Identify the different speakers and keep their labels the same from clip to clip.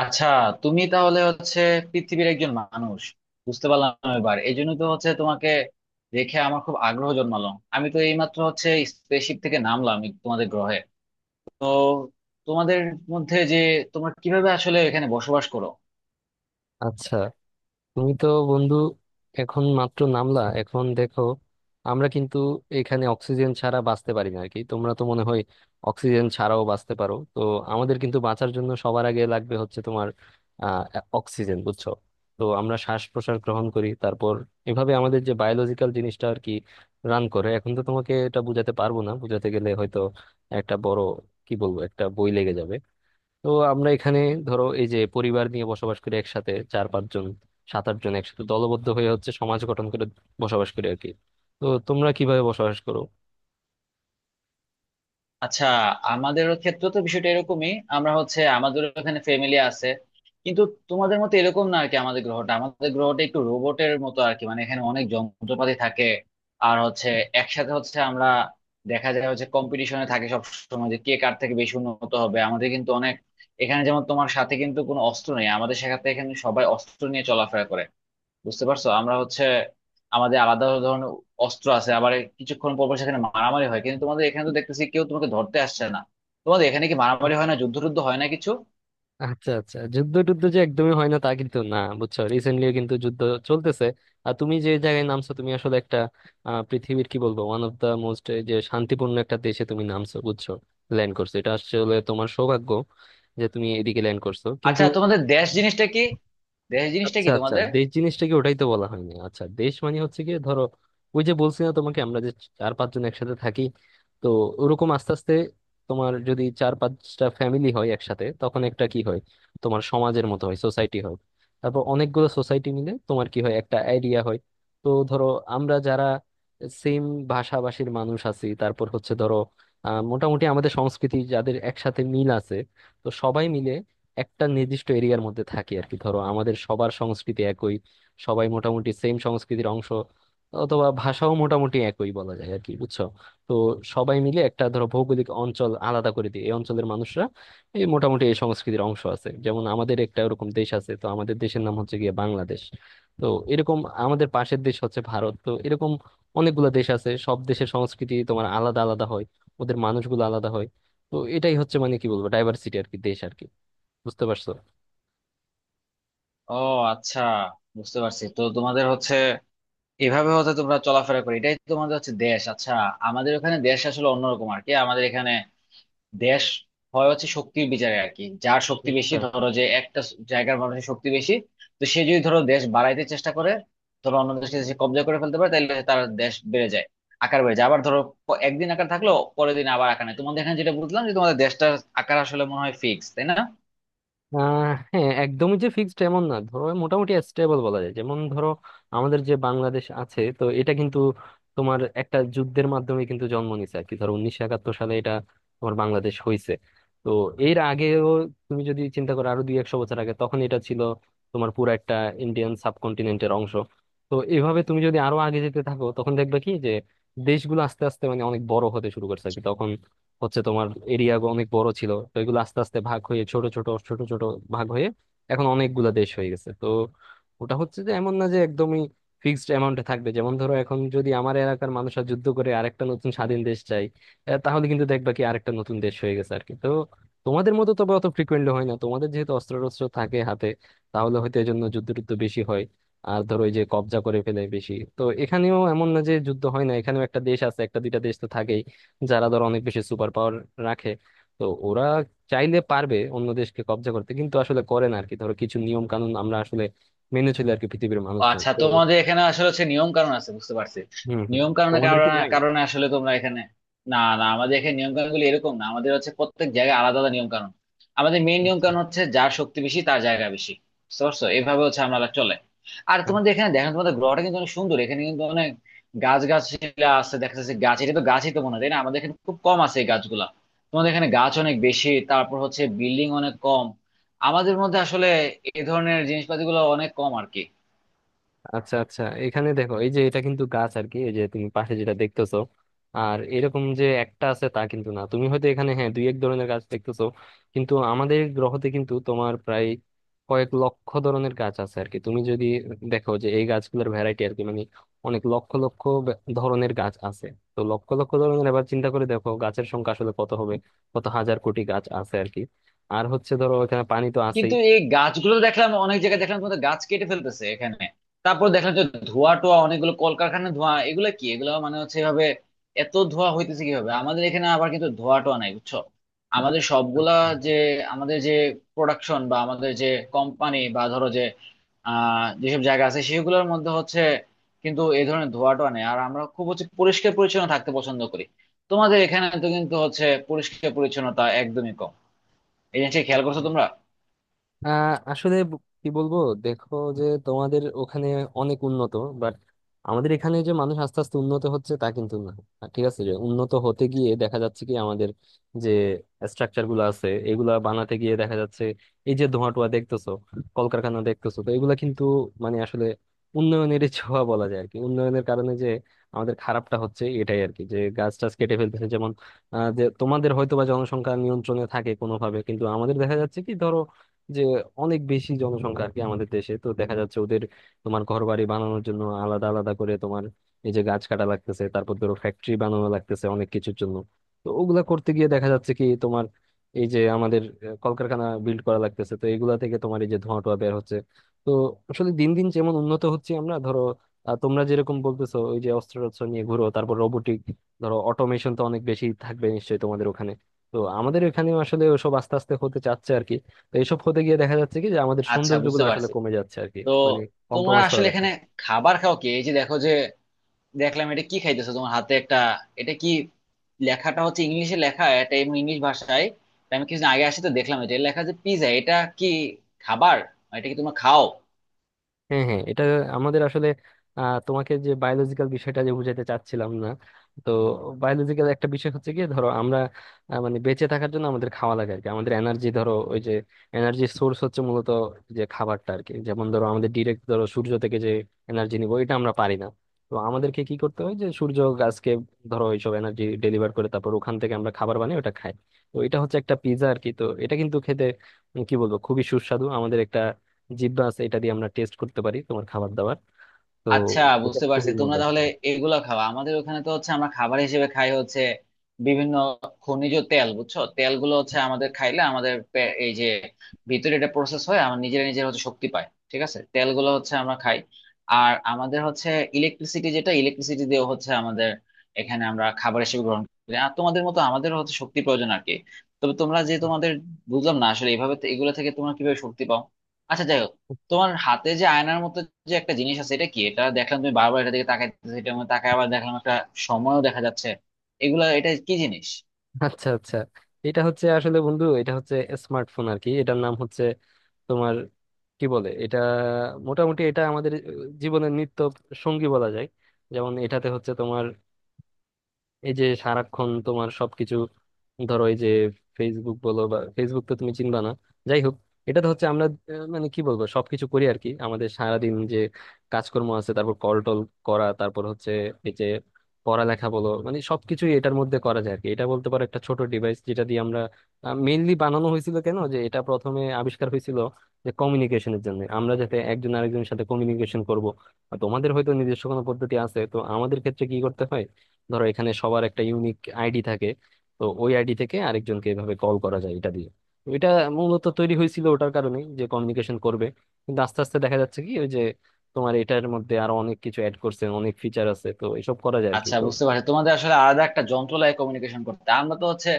Speaker 1: আচ্ছা, তুমি তাহলে হচ্ছে পৃথিবীর একজন মানুষ। বুঝতে পারলাম। এবার এই জন্য তো হচ্ছে তোমাকে দেখে আমার খুব আগ্রহ জন্মালো। আমি তো এইমাত্র হচ্ছে স্পেসশিপ থেকে নামলাম এই তোমাদের গ্রহে। তো তোমাদের মধ্যে যে তোমরা কিভাবে আসলে এখানে বসবাস করো?
Speaker 2: আচ্ছা, তুমি তো বন্ধু এখন মাত্র নামলা। এখন দেখো, আমরা কিন্তু এখানে অক্সিজেন ছাড়া বাঁচতে পারি না আর কি। তোমরা তো মনে হয় অক্সিজেন ছাড়াও বাঁচতে পারো। তো আমাদের কিন্তু বাঁচার জন্য সবার আগে লাগবে হচ্ছে তোমার আহ অক্সিজেন, বুঝছো? তো আমরা শ্বাস প্রশ্বাস গ্রহণ করি, তারপর এভাবে আমাদের যে বায়োলজিক্যাল জিনিসটা আর কি রান করে। এখন তো তোমাকে এটা বুঝাতে পারবো না, বুঝাতে গেলে হয়তো একটা বড়, কি বলবো, একটা বই লেগে যাবে। তো আমরা এখানে ধরো এই যে পরিবার নিয়ে বসবাস করি একসাথে, চার পাঁচজন সাত আট জন একসাথে দলবদ্ধ হয়ে হচ্ছে সমাজ গঠন করে বসবাস করি আর কি। তো তোমরা কিভাবে বসবাস করো?
Speaker 1: আচ্ছা, আমাদের ক্ষেত্রে তো বিষয়টা এরকমই, আমরা হচ্ছে আমাদের এখানে ফ্যামিলি আছে, কিন্তু তোমাদের মতো এরকম না আর কি। আমাদের গ্রহটা একটু রোবটের মতো আর কি, মানে এখানে অনেক যন্ত্রপাতি থাকে। আর হচ্ছে একসাথে হচ্ছে আমরা দেখা যায় হচ্ছে কম্পিটিশনে থাকে সব সময়, যে কে কার থেকে বেশি উন্নত হবে। আমাদের কিন্তু অনেক, এখানে যেমন তোমার সাথে কিন্তু কোনো অস্ত্র নেই, আমাদের সাথে এখানে সবাই অস্ত্র নিয়ে চলাফেরা করে। বুঝতে পারছো, আমরা হচ্ছে আমাদের আলাদা ধরনের অস্ত্র আছে, আবার কিছুক্ষণ পর পর সেখানে মারামারি হয়। কিন্তু তোমাদের এখানে তো দেখতেছি কেউ তোমাকে ধরতে আসছে না। তোমাদের এখানে কি মারামারি হয় না, যুদ্ধ টুদ্ধ হয় না কিছু?
Speaker 2: আচ্ছা আচ্ছা, যুদ্ধ টুদ্ধ যে একদমই হয় না তা কিন্তু না, বুঝছো, রিসেন্টলিও কিন্তু যুদ্ধ চলতেছে। আর তুমি যে জায়গায় নামছো তুমি আসলে একটা পৃথিবীর, কি বলবো, ওয়ান অফ দা মোস্ট যে শান্তিপূর্ণ একটা দেশে তুমি নামছো, বুঝছো, ল্যান্ড করছো। এটা আসলে তোমার সৌভাগ্য যে তুমি এদিকে ল্যান্ড করছো, কিন্তু
Speaker 1: আচ্ছা, তোমাদের দেশ জিনিসটা কি? দেশ জিনিসটা
Speaker 2: আচ্ছা
Speaker 1: কি
Speaker 2: আচ্ছা,
Speaker 1: তোমাদের?
Speaker 2: দেশ জিনিসটাকে ওটাই তো বলা হয়নি। আচ্ছা, দেশ মানে হচ্ছে কি ধরো, ওই যে বলছি না তোমাকে আমরা যে চার পাঁচজন একসাথে থাকি, তো ওরকম আস্তে আস্তে তোমার যদি চার পাঁচটা ফ্যামিলি হয় একসাথে তখন একটা কি হয়, তোমার সমাজের মতো হয়, সোসাইটি হয়। তারপর অনেকগুলো সোসাইটি মিলে তোমার কি হয়, একটা এরিয়া হয়। তো ধরো, আমরা যারা সেম ভাষাভাষীর মানুষ আছি, তারপর হচ্ছে ধরো মোটামুটি আমাদের সংস্কৃতি যাদের একসাথে মিল আছে, তো সবাই মিলে একটা নির্দিষ্ট এরিয়ার মধ্যে থাকি আর কি। ধরো আমাদের সবার সংস্কৃতি একই, সবাই মোটামুটি সেম সংস্কৃতির অংশ, অথবা ভাষাও মোটামুটি একই বলা যায় আর কি, বুঝছো। তো সবাই মিলে একটা ধরো ভৌগোলিক অঞ্চল আলাদা করে দিই, এই অঞ্চলের মানুষরা এই মোটামুটি এই সংস্কৃতির অংশ আছে। যেমন আমাদের একটা এরকম দেশ আছে, তো আমাদের দেশের নাম হচ্ছে গিয়ে বাংলাদেশ। তো এরকম আমাদের পাশের দেশ হচ্ছে ভারত। তো এরকম অনেকগুলো দেশ আছে, সব দেশের সংস্কৃতি তোমার আলাদা আলাদা হয়, ওদের মানুষগুলো আলাদা হয়। তো এটাই হচ্ছে, মানে কি বলবো, ডাইভার্সিটি আর কি, দেশ আর কি। বুঝতে পারছো?
Speaker 1: ও আচ্ছা, বুঝতে পারছি। তো তোমাদের হচ্ছে এভাবে হচ্ছে তোমরা চলাফেরা করো, এটাই তো তোমাদের হচ্ছে দেশ। আচ্ছা, আমাদের ওখানে দেশ আসলে অন্যরকম আর কি। আমাদের এখানে দেশ হয় হচ্ছে শক্তির বিচারে আর কি। যার শক্তি বেশি,
Speaker 2: আচ্ছা
Speaker 1: ধরো যে একটা জায়গার মানুষের শক্তি বেশি, তো সে যদি ধরো দেশ বাড়াইতে চেষ্টা করে, ধরো অন্য দেশকে যদি সে কব্জা করে ফেলতে পারে, তাহলে তার দেশ বেড়ে যায়, আকার বেড়ে যায়। আবার ধরো একদিন আকার থাকলো, পরের দিন আবার আকার নেই। তোমাদের এখানে যেটা বুঝলাম যে তোমাদের দেশটার আকার আসলে মনে হয় ফিক্স, তাই না?
Speaker 2: হ্যাঁ, একদমই যে ফিক্সড এমন না, ধরো মোটামুটি স্টেবল বলা যায়। যেমন ধরো আমাদের যে বাংলাদেশ আছে, তো এটা কিন্তু তোমার একটা যুদ্ধের মাধ্যমে কিন্তু জন্ম নিছে আর কি। ধরো 1971 সালে এটা তোমার বাংলাদেশ হয়েছে। তো এর আগেও তুমি যদি চিন্তা করো আরো দুই একশো বছর আগে, তখন এটা ছিল তোমার পুরো একটা ইন্ডিয়ান সাবকন্টিনেন্টের অংশ। তো এভাবে তুমি যদি আরো আগে যেতে থাকো তখন দেখবে কি যে, দেশগুলো আস্তে আস্তে মানে অনেক বড় হতে শুরু করছে আর কি, তখন হচ্ছে তোমার এরিয়া অনেক বড় ছিল। তো এগুলো আস্তে আস্তে ভাগ হয়ে ছোট ছোট ছোট ছোট ভাগ হয়ে এখন অনেকগুলা দেশ হয়ে গেছে। তো ওটা হচ্ছে যে এমন না যে একদমই ফিক্সড অ্যামাউন্টে থাকবে। যেমন ধরো এখন যদি আমার এলাকার মানুষরা যুদ্ধ করে আরেকটা নতুন স্বাধীন দেশ চাই, তাহলে কিন্তু দেখবা কি আরেকটা নতুন দেশ হয়ে গেছে আর কি। তো তোমাদের মতো তবে অত ফ্রিকুয়েন্টলি হয় না। তোমাদের যেহেতু অস্ত্র টস্ত্র থাকে হাতে তাহলে হয়তো এই জন্য যুদ্ধ টুদ্ধ বেশি হয়, আর ধরো এই যে কবজা করে ফেলে বেশি। তো এখানেও এমন না যে যুদ্ধ হয় না, এখানেও একটা দেশ আছে, একটা দুইটা দেশ তো থাকেই যারা ধর অনেক বেশি সুপার পাওয়ার রাখে। তো ওরা চাইলে পারবে অন্য দেশকে কব্জা করতে, কিন্তু আসলে করে না আর কি। ধরো কিছু নিয়ম কানুন আমরা আসলে মেনে চলি আর কি, পৃথিবীর মানুষজন
Speaker 1: আচ্ছা,
Speaker 2: তো।
Speaker 1: তোমাদের এখানে আসলে হচ্ছে নিয়ম কানুন আছে, বুঝতে পারছি।
Speaker 2: হম হম।
Speaker 1: নিয়ম কানুনের
Speaker 2: তোমাদের কি
Speaker 1: কারণে
Speaker 2: নাই?
Speaker 1: কারণে আসলে তোমরা এখানে। না না, আমাদের এখানে নিয়ম কানুন গুলো এরকম না, আমাদের হচ্ছে প্রত্যেক জায়গায় আলাদা আলাদা নিয়ম কানুন। আমাদের মেইন নিয়ম
Speaker 2: আচ্ছা
Speaker 1: কানুন হচ্ছে যার শক্তি বেশি তার জায়গা বেশি। বুঝতে পারছো, এভাবে হচ্ছে আমরা চলে। আর তোমাদের এখানে দেখেন, তোমাদের গ্রহটা কিন্তু অনেক সুন্দর, এখানে কিন্তু অনেক গাছ, গাছগুলা আছে দেখা যাচ্ছে, গাছ এটা তো গাছই তো মনে হয়, তাই না? আমাদের এখানে খুব কম আছে এই গাছগুলা। তোমাদের এখানে গাছ অনেক বেশি, তারপর হচ্ছে বিল্ডিং অনেক কম। আমাদের মধ্যে আসলে এই ধরনের জিনিসপাতি গুলো অনেক কম আর কি।
Speaker 2: আচ্ছা। আচ্ছা, এখানে দেখো এই যে এটা কিন্তু গাছ আর কি, এই যে তুমি পাশে যেটা দেখতেছো। আর এরকম যে একটা আছে তা কিন্তু না, তুমি হয়তো এখানে হ্যাঁ দুই এক ধরনের গাছ দেখতেছো, কিন্তু আমাদের গ্রহতে কিন্তু তোমার প্রায় কয়েক লক্ষ ধরনের গাছ আছে আর কি। তুমি যদি দেখো যে এই গাছগুলোর ভ্যারাইটি আর কি, মানে অনেক লক্ষ লক্ষ ধরনের গাছ আছে। তো লক্ষ লক্ষ ধরনের, এবার চিন্তা করে দেখো গাছের সংখ্যা আসলে কত হবে, কত হাজার কোটি গাছ আছে আর কি। আর হচ্ছে ধরো এখানে পানি তো আছেই।
Speaker 1: কিন্তু এই গাছগুলো দেখলাম, অনেক জায়গায় দেখলাম তোমাদের গাছ কেটে ফেলতেছে এখানে। তারপর দেখলাম যে ধোঁয়া টোয়া, অনেকগুলো কলকারখানার ধোঁয়া, এগুলো কি? এগুলো মানে হচ্ছে এভাবে এত ধোঁয়া হইতেছে কিভাবে? আমাদের এখানে আবার কিন্তু ধোঁয়া টোয়া নাই, বুঝছো? আমাদের সবগুলা
Speaker 2: আচ্ছা।
Speaker 1: যে, আমাদের যে প্রোডাকশন বা আমাদের যে কোম্পানি বা ধরো যে যেসব জায়গা আছে সেগুলোর মধ্যে হচ্ছে কিন্তু এই ধরনের ধোঁয়া টোয়া নেই। আর আমরা খুব হচ্ছে পরিষ্কার পরিচ্ছন্ন থাকতে পছন্দ করি। তোমাদের এখানে তো কিন্তু হচ্ছে পরিষ্কার পরিচ্ছন্নতা একদমই কম, এই জিনিসটা খেয়াল করছো তোমরা?
Speaker 2: আসলে কি বলবো, দেখো যে তোমাদের ওখানে অনেক উন্নত, বাট আমাদের এখানে যে মানুষ আস্তে আস্তে উন্নত হচ্ছে তা কিন্তু না। আর ঠিক আছে, যে উন্নত হতে গিয়ে দেখা যাচ্ছে কি, আমাদের যে স্ট্রাকচার গুলো আছে এগুলা বানাতে গিয়ে দেখা যাচ্ছে এই যে ধোঁয়া টোয়া দেখতেছো, কলকারখানা দেখতেছো, তো এগুলা কিন্তু মানে আসলে উন্নয়নের ছোঁয়া বলা যায় আর কি। উন্নয়নের কারণে যে আমাদের খারাপটা হচ্ছে এটাই আর কি, যে গাছ টাছ কেটে ফেলতেছে। যেমন, যে তোমাদের হয়তো বা জনসংখ্যা নিয়ন্ত্রণে থাকে কোনোভাবে, কিন্তু আমাদের দেখা যাচ্ছে কি ধরো যে অনেক বেশি জনসংখ্যা আর কি আমাদের দেশে। তো দেখা যাচ্ছে ওদের তোমার ঘর বাড়ি বানানোর জন্য আলাদা আলাদা করে তোমার এই যে গাছ কাটা লাগতেছে, তারপর ধরো ফ্যাক্টরি বানানো লাগতেছে অনেক কিছুর জন্য। তো ওগুলা করতে গিয়ে দেখা যাচ্ছে কি তোমার এই যে আমাদের কলকারখানা বিল্ড করা লাগতেছে, তো এগুলা থেকে তোমার এই যে ধোঁয়া টোয়া বের হচ্ছে। তো আসলে দিন দিন যেমন উন্নত হচ্ছে আমরা, ধরো তোমরা যেরকম বলতেছো ওই যে অস্ত্র টস্ত্র নিয়ে ঘুরো, তারপর রোবোটিক ধরো অটোমেশন তো অনেক বেশি থাকবে নিশ্চয়ই তোমাদের ওখানে। তো আমাদের এখানে আসলে ওসব আস্তে আস্তে হতে চাচ্ছে আর কি। তো এইসব হতে গিয়ে দেখা যাচ্ছে কি যে আমাদের
Speaker 1: আচ্ছা বুঝতে
Speaker 2: সৌন্দর্যগুলো আসলে
Speaker 1: পারছি।
Speaker 2: কমে যাচ্ছে আর কি,
Speaker 1: তো
Speaker 2: মানে
Speaker 1: তোমার
Speaker 2: কম্প্রোমাইজ করা
Speaker 1: আসলে
Speaker 2: লাগছে।
Speaker 1: এখানে খাবার খাও কি? এই যে দেখো যে, দেখলাম, এটা কি খাইতেছো, তোমার হাতে একটা? এটা কি? লেখাটা হচ্ছে ইংলিশে লেখা, এটা এমনি ইংলিশ ভাষায়, তা আমি কিছুদিন আগে আসি তো দেখলাম, এটা এটা লেখা যে পিজা, এটা কি খাবার? এটা কি তোমরা খাও?
Speaker 2: হ্যাঁ হ্যাঁ, এটা আমাদের আসলে তোমাকে যে বায়োলজিক্যাল বিষয়টা যে বুঝাইতে চাচ্ছিলাম না, তো বায়োলজিক্যাল একটা বিষয় হচ্ছে কি ধরো আমরা, মানে বেঁচে থাকার জন্য আমাদের খাওয়া লাগে আর কি। আমাদের এনার্জি ধরো ওই যে এনার্জি সোর্স হচ্ছে মূলত যে খাবারটা আর কি। যেমন ধরো আমাদের ডিরেক্ট ধরো সূর্য থেকে যে এনার্জি নিবো এটা আমরা পারি না। তো আমাদেরকে কি করতে হয় যে সূর্য গাছকে ধরো এইসব এনার্জি ডেলিভার করে, তারপর ওখান থেকে আমরা খাবার বানিয়ে ওটা খাই। তো এটা হচ্ছে একটা পিৎজা আর কি। তো এটা কিন্তু খেতে কি বলবো, খুবই সুস্বাদু। আমাদের একটা জিব্বা আছে, এটা দিয়ে আমরা টেস্ট করতে পারি তোমার খাবার দাবার। তো
Speaker 1: আচ্ছা
Speaker 2: এটা
Speaker 1: বুঝতে পারছি,
Speaker 2: খুবই
Speaker 1: তোমরা
Speaker 2: মজার
Speaker 1: তাহলে
Speaker 2: ব্যাপার।
Speaker 1: এগুলো খাওয়া। আমাদের ওখানে তো হচ্ছে আমরা খাবার হিসেবে খাই হচ্ছে বিভিন্ন খনিজ তেল, বুঝছো? তেলগুলো হচ্ছে আমাদের খাইলে আমাদের এই যে ভিতরে এটা প্রসেস হয়, আমার নিজের নিজের হচ্ছে শক্তি পায়। ঠিক আছে, তেলগুলো হচ্ছে আমরা খাই। আর আমাদের হচ্ছে ইলেকট্রিসিটি, যেটা ইলেকট্রিসিটি দিয়ে হচ্ছে আমাদের এখানে আমরা খাবার হিসেবে গ্রহণ করি। আর তোমাদের মতো আমাদের হচ্ছে শক্তি প্রয়োজন আর কি। তবে তোমরা যে তোমাদের, বুঝলাম না আসলে এইভাবে এগুলো থেকে তোমরা কিভাবে শক্তি পাও? আচ্ছা, যাই হোক। তোমার হাতে যে আয়নার মতো যে একটা জিনিস আছে এটা কি? এটা দেখলাম তুমি বারবার এটা দিকে তাকাইতেছো, এটা মধ্যে তাকায়, আবার দেখলাম একটা সময়ও দেখা যাচ্ছে। এগুলা, এটা কি জিনিস?
Speaker 2: আচ্ছা আচ্ছা, এটা হচ্ছে আসলে বন্ধু, এটা হচ্ছে স্মার্টফোন আর কি। এটার নাম হচ্ছে তোমার কি বলে এটা, মোটামুটি এটা আমাদের জীবনের নিত্য সঙ্গী বলা যায়। যেমন এটাতে হচ্ছে তোমার এই যে সারাক্ষণ তোমার সবকিছু, ধরো এই যে ফেসবুক বলো বা, ফেসবুক তো তুমি চিনবা না, যাই হোক। এটা তো হচ্ছে আমরা মানে কি বলবো সবকিছু করি আর কি। আমাদের সারাদিন যে কাজকর্ম আছে, তারপর কল টল করা, তারপর হচ্ছে এই যে পড়ালেখা বলো, মানে সবকিছুই এটার মধ্যে করা যায় আর কি। এটা বলতে পারো একটা ছোট ডিভাইস যেটা দিয়ে আমরা মেইনলি বানানো হয়েছিল, কেন যে এটা প্রথমে আবিষ্কার হয়েছিল যে কমিউনিকেশনের জন্য, আমরা যাতে একজন আরেকজনের সাথে কমিউনিকেশন করব। আর তোমাদের হয়তো নিজস্ব কোনো পদ্ধতি আছে, তো আমাদের ক্ষেত্রে কি করতে হয়, ধরো এখানে সবার একটা ইউনিক আইডি থাকে। তো ওই আইডি থেকে আরেকজনকে এভাবে কল করা যায় এটা দিয়ে। তো এটা মূলত তৈরি হয়েছিল ওটার কারণেই যে কমিউনিকেশন করবে, কিন্তু আস্তে আস্তে দেখা যাচ্ছে কি ওই যে তোমার এটার মধ্যে আরো অনেক কিছু অ্যাড করছে, অনেক ফিচার আছে, তো এসব করা যায় আর কি।
Speaker 1: আচ্ছা
Speaker 2: তো
Speaker 1: বুঝতে পারছি, তোমাদের আসলে আলাদা একটা যন্ত্র লাগে কমিউনিকেশন করতে। আমরা তো হচ্ছে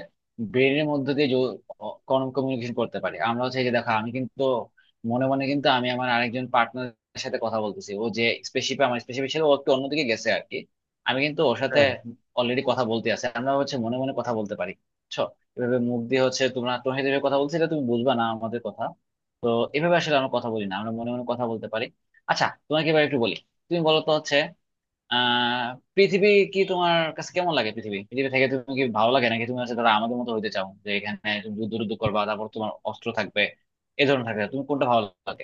Speaker 1: ব্রেনের মধ্যে দিয়ে কমিউনিকেশন করতে পারি। আমরা হচ্ছে, এই যে দেখো, আমি কিন্তু মনে মনে কিন্তু আমি আমার আরেকজন পার্টনারের সাথে কথা বলতেছি। ও যে স্পেসিফিক, আমার স্পেসিফিক ছিল, ও একটু অন্যদিকে গেছে আর কি। আমি কিন্তু ওর সাথে
Speaker 2: হ্যাঁ।
Speaker 1: অলরেডি কথা বলতে আছে, আমরা হচ্ছে মনে মনে কথা বলতে পারি, বুঝছো? এভাবে মুখ দিয়ে হচ্ছে তোমরা, তোমার সাথে এভাবে কথা বলছি, এটা তুমি বুঝবা না আমাদের কথা। তো এভাবে আসলে আমরা কথা বলি না, আমরা মনে মনে কথা বলতে পারি। আচ্ছা, তোমাকে এবার একটু বলি, তুমি বলো তো হচ্ছে, আহ পৃথিবী কি তোমার কাছে কেমন লাগে? পৃথিবী, পৃথিবী থেকে তুমি কি ভালো লাগে, নাকি তুমি হচ্ছে ধরো আমাদের মতো হইতে চাও, যে এখানে তুমি যুদ্ধ টুদ্ধ করবা, তারপর তোমার অস্ত্র থাকবে, এই ধরনের থাকবে, তুমি কোনটা ভালো লাগে?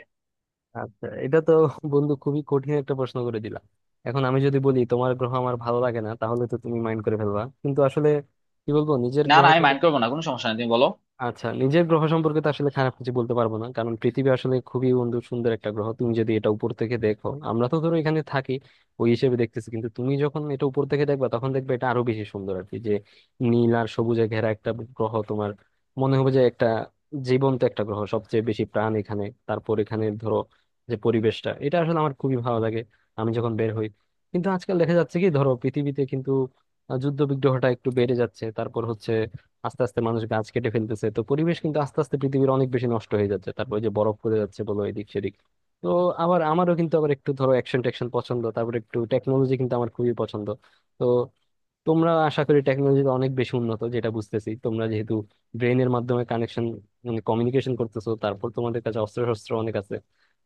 Speaker 2: আচ্ছা, এটা তো বন্ধু খুবই কঠিন একটা প্রশ্ন করে দিলাম। এখন আমি যদি বলি তোমার গ্রহ আমার ভালো লাগে না তাহলে তো তুমি মাইন্ড করে ফেলবা, কিন্তু আসলে কি বলবো নিজের
Speaker 1: না
Speaker 2: গ্রহ।
Speaker 1: না, আমি মাইন্ড করবো না, কোনো সমস্যা নেই, তুমি বলো।
Speaker 2: আচ্ছা, নিজের গ্রহ সম্পর্কে তো আসলে খারাপ কিছু বলতে পারবো না, কারণ পৃথিবী আসলে খুবই বন্ধু সুন্দর একটা গ্রহ। তুমি যদি এটা উপর থেকে দেখো, আমরা তো ধরো এখানে থাকি ওই হিসেবে দেখতেছি, কিন্তু তুমি যখন এটা উপর থেকে দেখবা তখন দেখবে এটা আরো বেশি সুন্দর আর কি, যে নীল আর সবুজে ঘেরা একটা গ্রহ। তোমার মনে হবে যে একটা জীবন্ত একটা গ্রহ, সবচেয়ে বেশি প্রাণ এখানে। তারপর এখানে ধরো যে পরিবেশটা, এটা আসলে আমার খুবই ভালো লাগে। আমি যখন বের হই, কিন্তু আজকাল দেখা যাচ্ছে কি ধরো পৃথিবীতে কিন্তু যুদ্ধ বিগ্রহটা একটু বেড়ে যাচ্ছে, তারপর হচ্ছে আস্তে আস্তে মানুষ গাছ কেটে ফেলতেছে, তো পরিবেশ কিন্তু আস্তে আস্তে পৃথিবীর অনেক বেশি নষ্ট হয়ে যাচ্ছে। তারপর ওই যে বরফ পড়ে যাচ্ছে বলো এদিক সেদিক। তো আবার আমারও কিন্তু আবার একটু ধরো অ্যাকশন ট্যাকশন পছন্দ, তারপর একটু টেকনোলজি কিন্তু আমার খুবই পছন্দ। তো তোমরা আশা করি টেকনোলজিতে অনেক বেশি উন্নত যেটা বুঝতেছি, তোমরা যেহেতু ব্রেনের মাধ্যমে কানেকশন মানে কমিউনিকেশন করতেছো, তারপর তোমাদের কাছে অস্ত্র শস্ত্র অনেক আছে।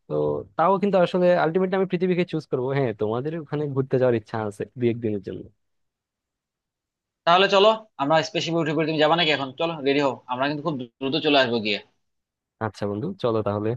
Speaker 2: তো তাও কিন্তু আসলে আলটিমেটলি আমি পৃথিবীকে চুজ করবো। হ্যাঁ, তোমাদের ওখানে ঘুরতে যাওয়ার ইচ্ছা আছে দু একদিনের জন্য।
Speaker 1: তাহলে চলো, আমরা স্পেসিফিক উঠে পড়ি, তুমি যাবা নাকি? এখন চলো, রেডি হও, আমরা কিন্তু খুব দ্রুত চলে আসবো গিয়ে।
Speaker 2: আচ্ছা বন্ধু, চলো তাহলে।